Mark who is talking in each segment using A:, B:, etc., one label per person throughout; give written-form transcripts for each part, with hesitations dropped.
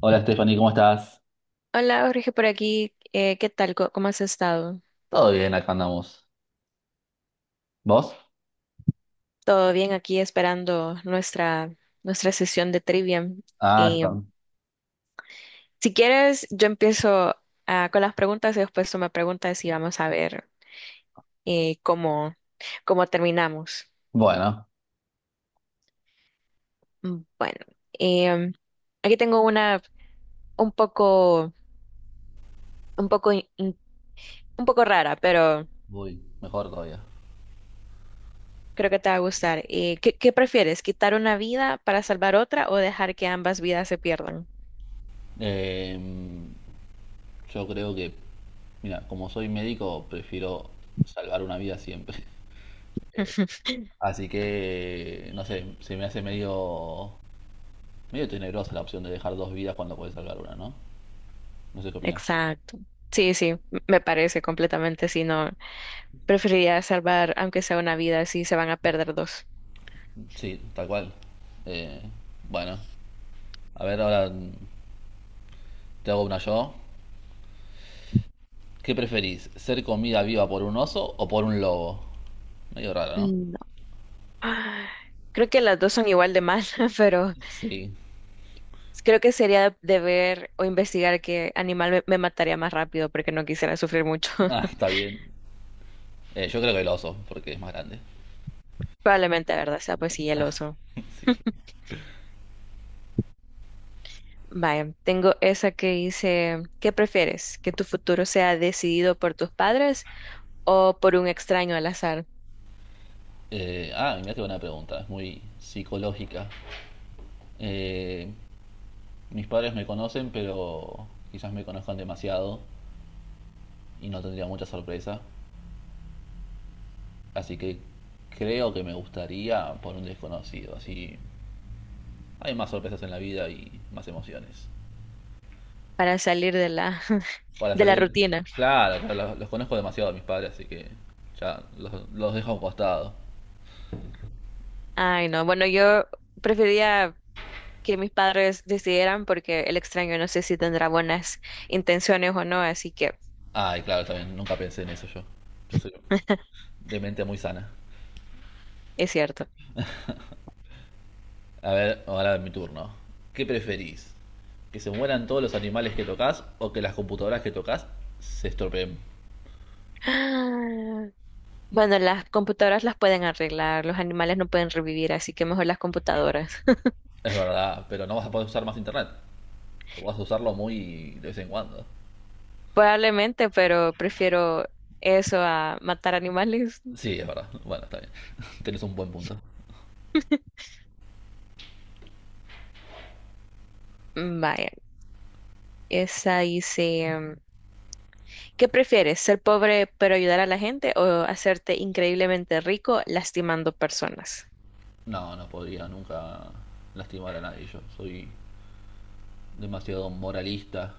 A: Hola Stephanie, ¿cómo estás?
B: Hola Jorge, por aquí. ¿Qué tal? ¿Cómo has estado?
A: Todo bien, acá andamos. ¿Vos?
B: Todo bien aquí esperando nuestra sesión de trivia.
A: Ah, yo
B: Y,
A: también.
B: si quieres, yo empiezo con las preguntas y después tú me preguntas y vamos a ver, cómo, cómo terminamos.
A: Bueno,
B: Bueno, em, aquí tengo una, un poco, un poco, in- in- un poco rara, pero
A: voy mejor todavía.
B: creo que te va a gustar. ¿Qué prefieres? ¿Quitar una vida para salvar otra o dejar que ambas vidas se pierdan?
A: Em, yo creo que, mira, como soy médico, prefiero salvar una vida siempre. Así que, no sé, se me hace medio tenebrosa la opción de dejar dos vidas cuando puedes salvar una, ¿no? No sé qué opinas.
B: Exacto. Sí, sí, me parece completamente. Si no, preferiría salvar, aunque sea una vida, si se van a perder dos.
A: Sí, tal cual. Eh, bueno, a ver, ahora te hago una yo. ¿Qué preferís? ¿Ser comida viva por un oso o por un lobo? Medio raro, ¿no?
B: Mm, no. Ah, Creo que las dos son igual de mal, pero
A: Sí.
B: creo que sería de ver o investigar qué animal me mataría más rápido porque no quisiera sufrir mucho.
A: Ah, está bien. Yo creo que el oso, porque es más grande.
B: Probablemente, la verdad, sea, pues sí, el oso. Vaya, tengo esa que dice, ¿qué prefieres? ¿Que tu futuro sea decidido por tus padres o por un extraño al azar
A: Mira qué buena pregunta, es muy psicológica. Eh, mis padres me conocen, pero quizás me conozcan demasiado y no tendría mucha sorpresa. Así que creo que me gustaría por un desconocido. Así hay más sorpresas en la vida y más emociones.
B: para salir de la,
A: Para
B: de la
A: salir.
B: rutina?
A: Claro, claro, los conozco demasiado a mis padres, así que ya los dejo a un costado.
B: Ay, no. Bueno, yo prefería que mis padres decidieran porque el extraño no sé si tendrá buenas intenciones o no, así que
A: Ay, claro, también nunca pensé en eso yo. Yo soy de mente muy sana.
B: es cierto.
A: A ver, ahora es mi turno. ¿Qué preferís? ¿Que se mueran todos los animales que tocas o que las computadoras que tocas se estropeen?
B: Ah, Bueno, las computadoras las pueden arreglar, los animales no pueden revivir, así que mejor las computadoras.
A: Es verdad, pero no vas a poder usar más internet. O vas a usarlo muy de vez en cuando.
B: Probablemente, pero prefiero eso a matar animales.
A: Sí, es verdad. Bueno, está bien. Tenés un buen punto.
B: Mm, vaya, esa dice, ¿qué prefieres? ¿Ser pobre pero ayudar a la gente o hacerte increíblemente rico lastimando personas?
A: No, no podría nunca lastimar a nadie. Yo soy demasiado moralista.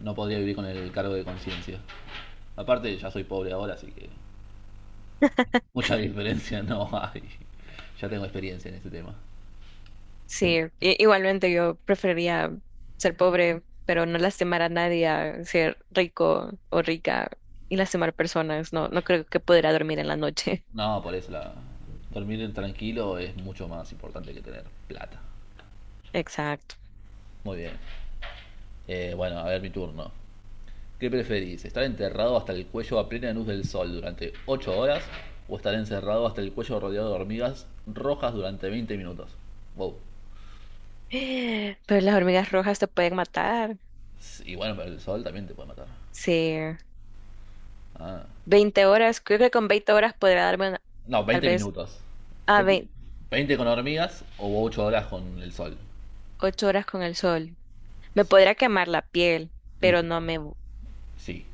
A: No podría vivir con el cargo de conciencia. Aparte, ya soy pobre ahora, así que mucha diferencia no hay. Ya tengo experiencia en este tema.
B: Sí, igualmente yo preferiría ser pobre, pero no lastimar a nadie, a ser rico o rica y lastimar personas. No, no creo que podrá dormir en la noche.
A: No, por eso dormir tranquilo es mucho más importante que tener plata.
B: Exacto.
A: Muy bien. Bueno, a ver mi turno. ¿Qué preferís? ¿Estar enterrado hasta el cuello a plena luz del sol durante 8 horas o estar encerrado hasta el cuello rodeado de hormigas rojas durante 20 minutos? Wow.
B: Pero las hormigas rojas te pueden matar.
A: Y bueno, pero el sol también te puede matar.
B: Sí.
A: Ah.
B: 20 horas, creo que con veinte horas podría darme una,
A: No,
B: tal
A: 20
B: vez
A: minutos.
B: a
A: 20 20 con hormigas o 8 horas con el sol.
B: 8 horas con el sol. Me podría quemar la piel,
A: Y
B: pero no
A: no,
B: me,
A: sí,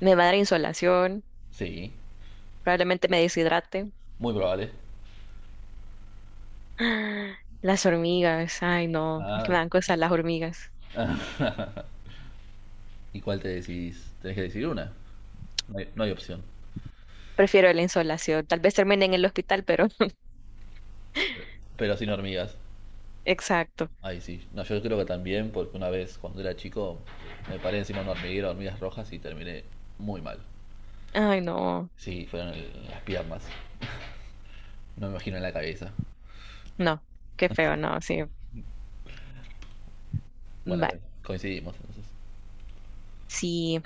B: me va a dar insolación.
A: sí,
B: Probablemente me deshidrate.
A: muy probable.
B: Las hormigas, ay no, es que
A: Ah,
B: me dan cosas las hormigas.
A: ¿y cuál te decís? Tenés que decir una. No hay opción.
B: Prefiero la insolación. Tal vez termine en el hospital, pero
A: Pero sin hormigas.
B: exacto.
A: Ay, sí. No, yo creo que también, porque una vez cuando era chico me paré encima de un hormiguero, de hormigas rojas y terminé muy mal.
B: Ay no,
A: Sí, fueron las piernas. No me imagino en la cabeza.
B: no, qué feo, no, sí.
A: Bueno,
B: Vale,
A: coincidimos entonces.
B: sí.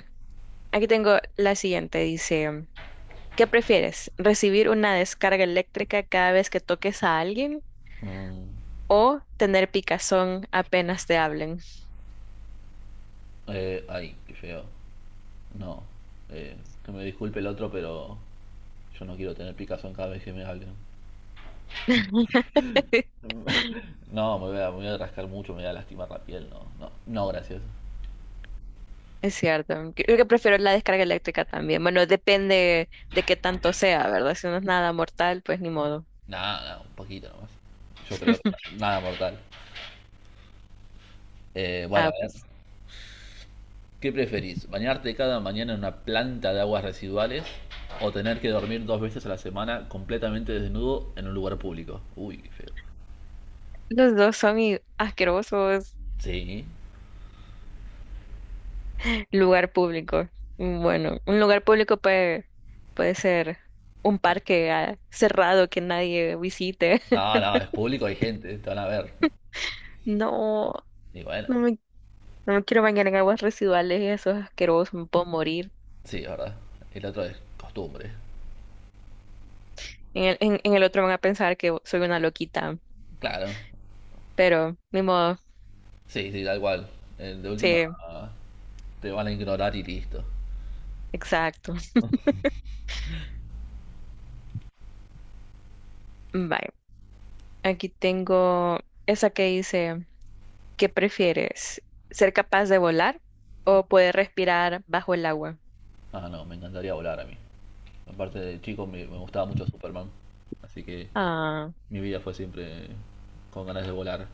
B: Aquí tengo la siguiente, dice, ¿qué prefieres? ¿Recibir una descarga eléctrica cada vez que toques a alguien
A: Mm,
B: o tener picazón apenas te hablen?
A: ay, qué feo. No, eh, que me disculpe el otro, pero yo no quiero tener picazón cada vez que me hablen. No, me voy a rascar mucho, me voy a lastimar la piel, no, no, no, gracias.
B: Es cierto, creo que prefiero la descarga eléctrica también. Bueno, depende de qué tanto sea, ¿verdad? Si no es nada mortal, pues ni modo.
A: Nada, no, un poquito nomás. Yo creo que nada mortal. Bueno, a ver,
B: Pues
A: ¿qué preferís? ¿Bañarte cada mañana en una planta de aguas residuales o tener que dormir 2 veces a la semana completamente desnudo en un lugar público? Uy, qué feo.
B: los dos son asquerosos.
A: Sí.
B: Lugar público. Mm, bueno, un lugar público puede, puede ser un parque, cerrado, que nadie visite.
A: No, no, es público, hay gente, te van a ver.
B: No,
A: Y bueno,
B: no me, no me quiero bañar en aguas residuales y eso es asqueroso, me puedo morir.
A: sí, es verdad. El otro es costumbre.
B: En el otro van a pensar que soy una loquita,
A: Claro,
B: pero ni modo,
A: sí, sí, da igual. De última,
B: sí,
A: te van a ignorar y listo.
B: exacto. Bye. Aquí tengo esa que dice, ¿qué prefieres? ¿Ser capaz de volar o poder respirar bajo el agua?
A: Ah, no, me encantaría volar a mí. Aparte de chico, me gustaba mucho Superman. Así que
B: Ah,
A: mi vida fue siempre con ganas de volar.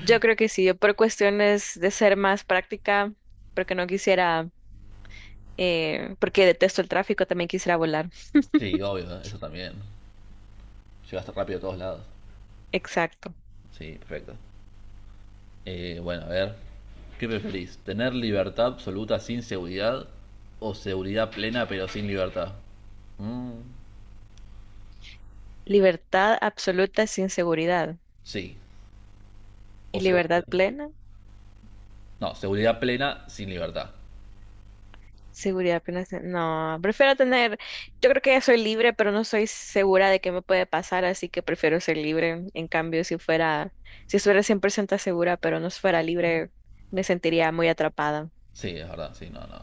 B: yo creo que sí, yo por cuestiones de ser más práctica, porque no quisiera, porque detesto el tráfico, también quisiera volar.
A: Sí, obvio, eso también. Llegaste rápido a todos lados.
B: Exacto.
A: Sí, perfecto. Bueno, a ver. ¿Qué preferís? ¿Tener libertad absoluta sin seguridad o seguridad plena pero sin libertad? Mm,
B: Libertad absoluta sin seguridad
A: sí, o
B: y libertad
A: seguridad.
B: plena.
A: No, seguridad plena sin libertad.
B: Seguridad apenas. No, prefiero tener, yo creo que ya soy libre, pero no soy segura de qué me puede pasar, así que prefiero ser libre. En cambio, si estuviera 100% segura, pero no fuera libre, me sentiría muy atrapada.
A: Sí, es verdad, sí, no, no.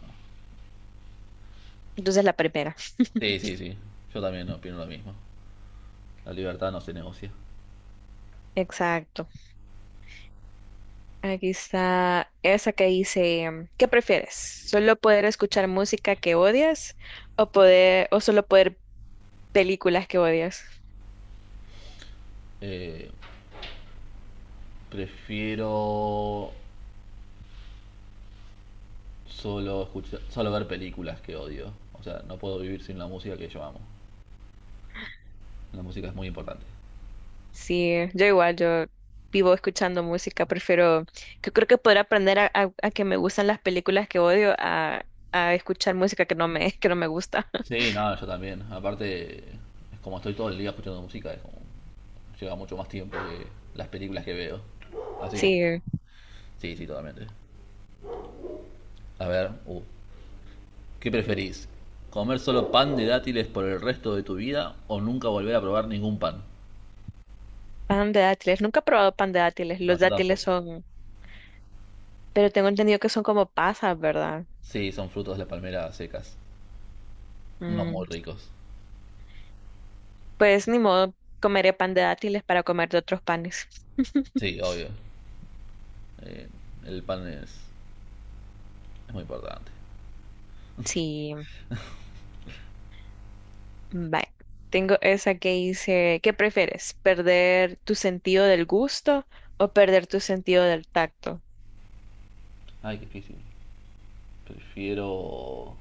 B: Entonces, la primera.
A: Sí, sí, sí. Yo también opino lo mismo. La libertad no se negocia.
B: Exacto. Aquí está esa que dice, ¿qué prefieres? ¿Solo poder escuchar música que odias o poder, o solo poder películas que odias?
A: Eh, prefiero solo escuchar, solo ver películas que odio. O sea, no puedo vivir sin la música que yo amo. La música es muy importante.
B: Sí, yo igual, yo vivo escuchando música, prefiero, yo creo que poder aprender a, a que me gustan las películas que odio, a escuchar música que no me, que no me gusta.
A: Sí, no, yo también. Aparte, es como estoy todo el día escuchando música, es como lleva mucho más tiempo que las películas que veo. Así que
B: Sí,
A: sí, sí, totalmente. A ver, ¿qué preferís? ¿Comer solo pan de dátiles por el resto de tu vida o nunca volver a probar ningún pan?
B: pan de dátiles, nunca he probado pan de dátiles,
A: No,
B: los
A: yo
B: dátiles
A: tampoco.
B: son, pero tengo entendido que son como pasas, ¿verdad?
A: Sí, son frutos de la palmera secas. No muy
B: Mm,
A: ricos.
B: pues ni modo, comeré pan de dátiles para comer de otros panes.
A: Sí, obvio. Eh, el pan es muy importante.
B: Sí, bye. Tengo esa que dice, ¿qué prefieres? ¿Perder tu sentido del gusto o perder tu sentido del tacto?
A: Ay, qué difícil. Prefiero...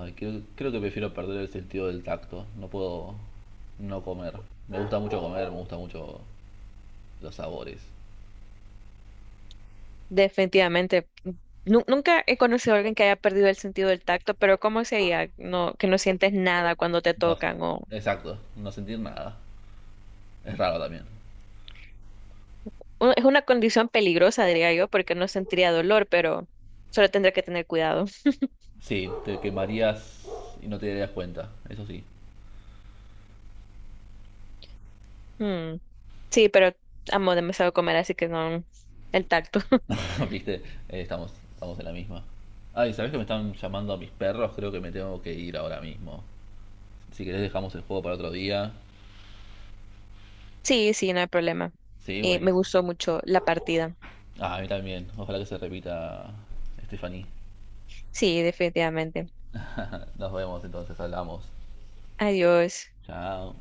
A: Ay, creo que prefiero perder el sentido del tacto. No puedo no comer. Me gusta mucho comer, me gusta mucho los sabores.
B: Definitivamente. Nunca he conocido a alguien que haya perdido el sentido del tacto, pero ¿cómo sería? No, que no sientes nada cuando te
A: No sé.
B: tocan o
A: Exacto, no sentir nada. Es raro también.
B: es una condición peligrosa, diría yo, porque no sentiría dolor, pero solo tendría que tener cuidado.
A: Sí, te quemarías y no te darías cuenta, eso sí.
B: Mm, sí, pero amo demasiado comer, así que no el tacto.
A: Viste, estamos en la misma. Ay, ¿sabés que me están llamando a mis perros? Creo que me tengo que ir ahora mismo. Si querés dejamos el juego para otro día.
B: Sí, sí, no hay problema.
A: Sí,
B: Me
A: buenísimo.
B: gustó mucho la partida.
A: Ah, a mí también. Ojalá que se repita, Stephanie.
B: Sí, definitivamente.
A: Nos vemos entonces, hablamos.
B: Adiós.
A: Chao.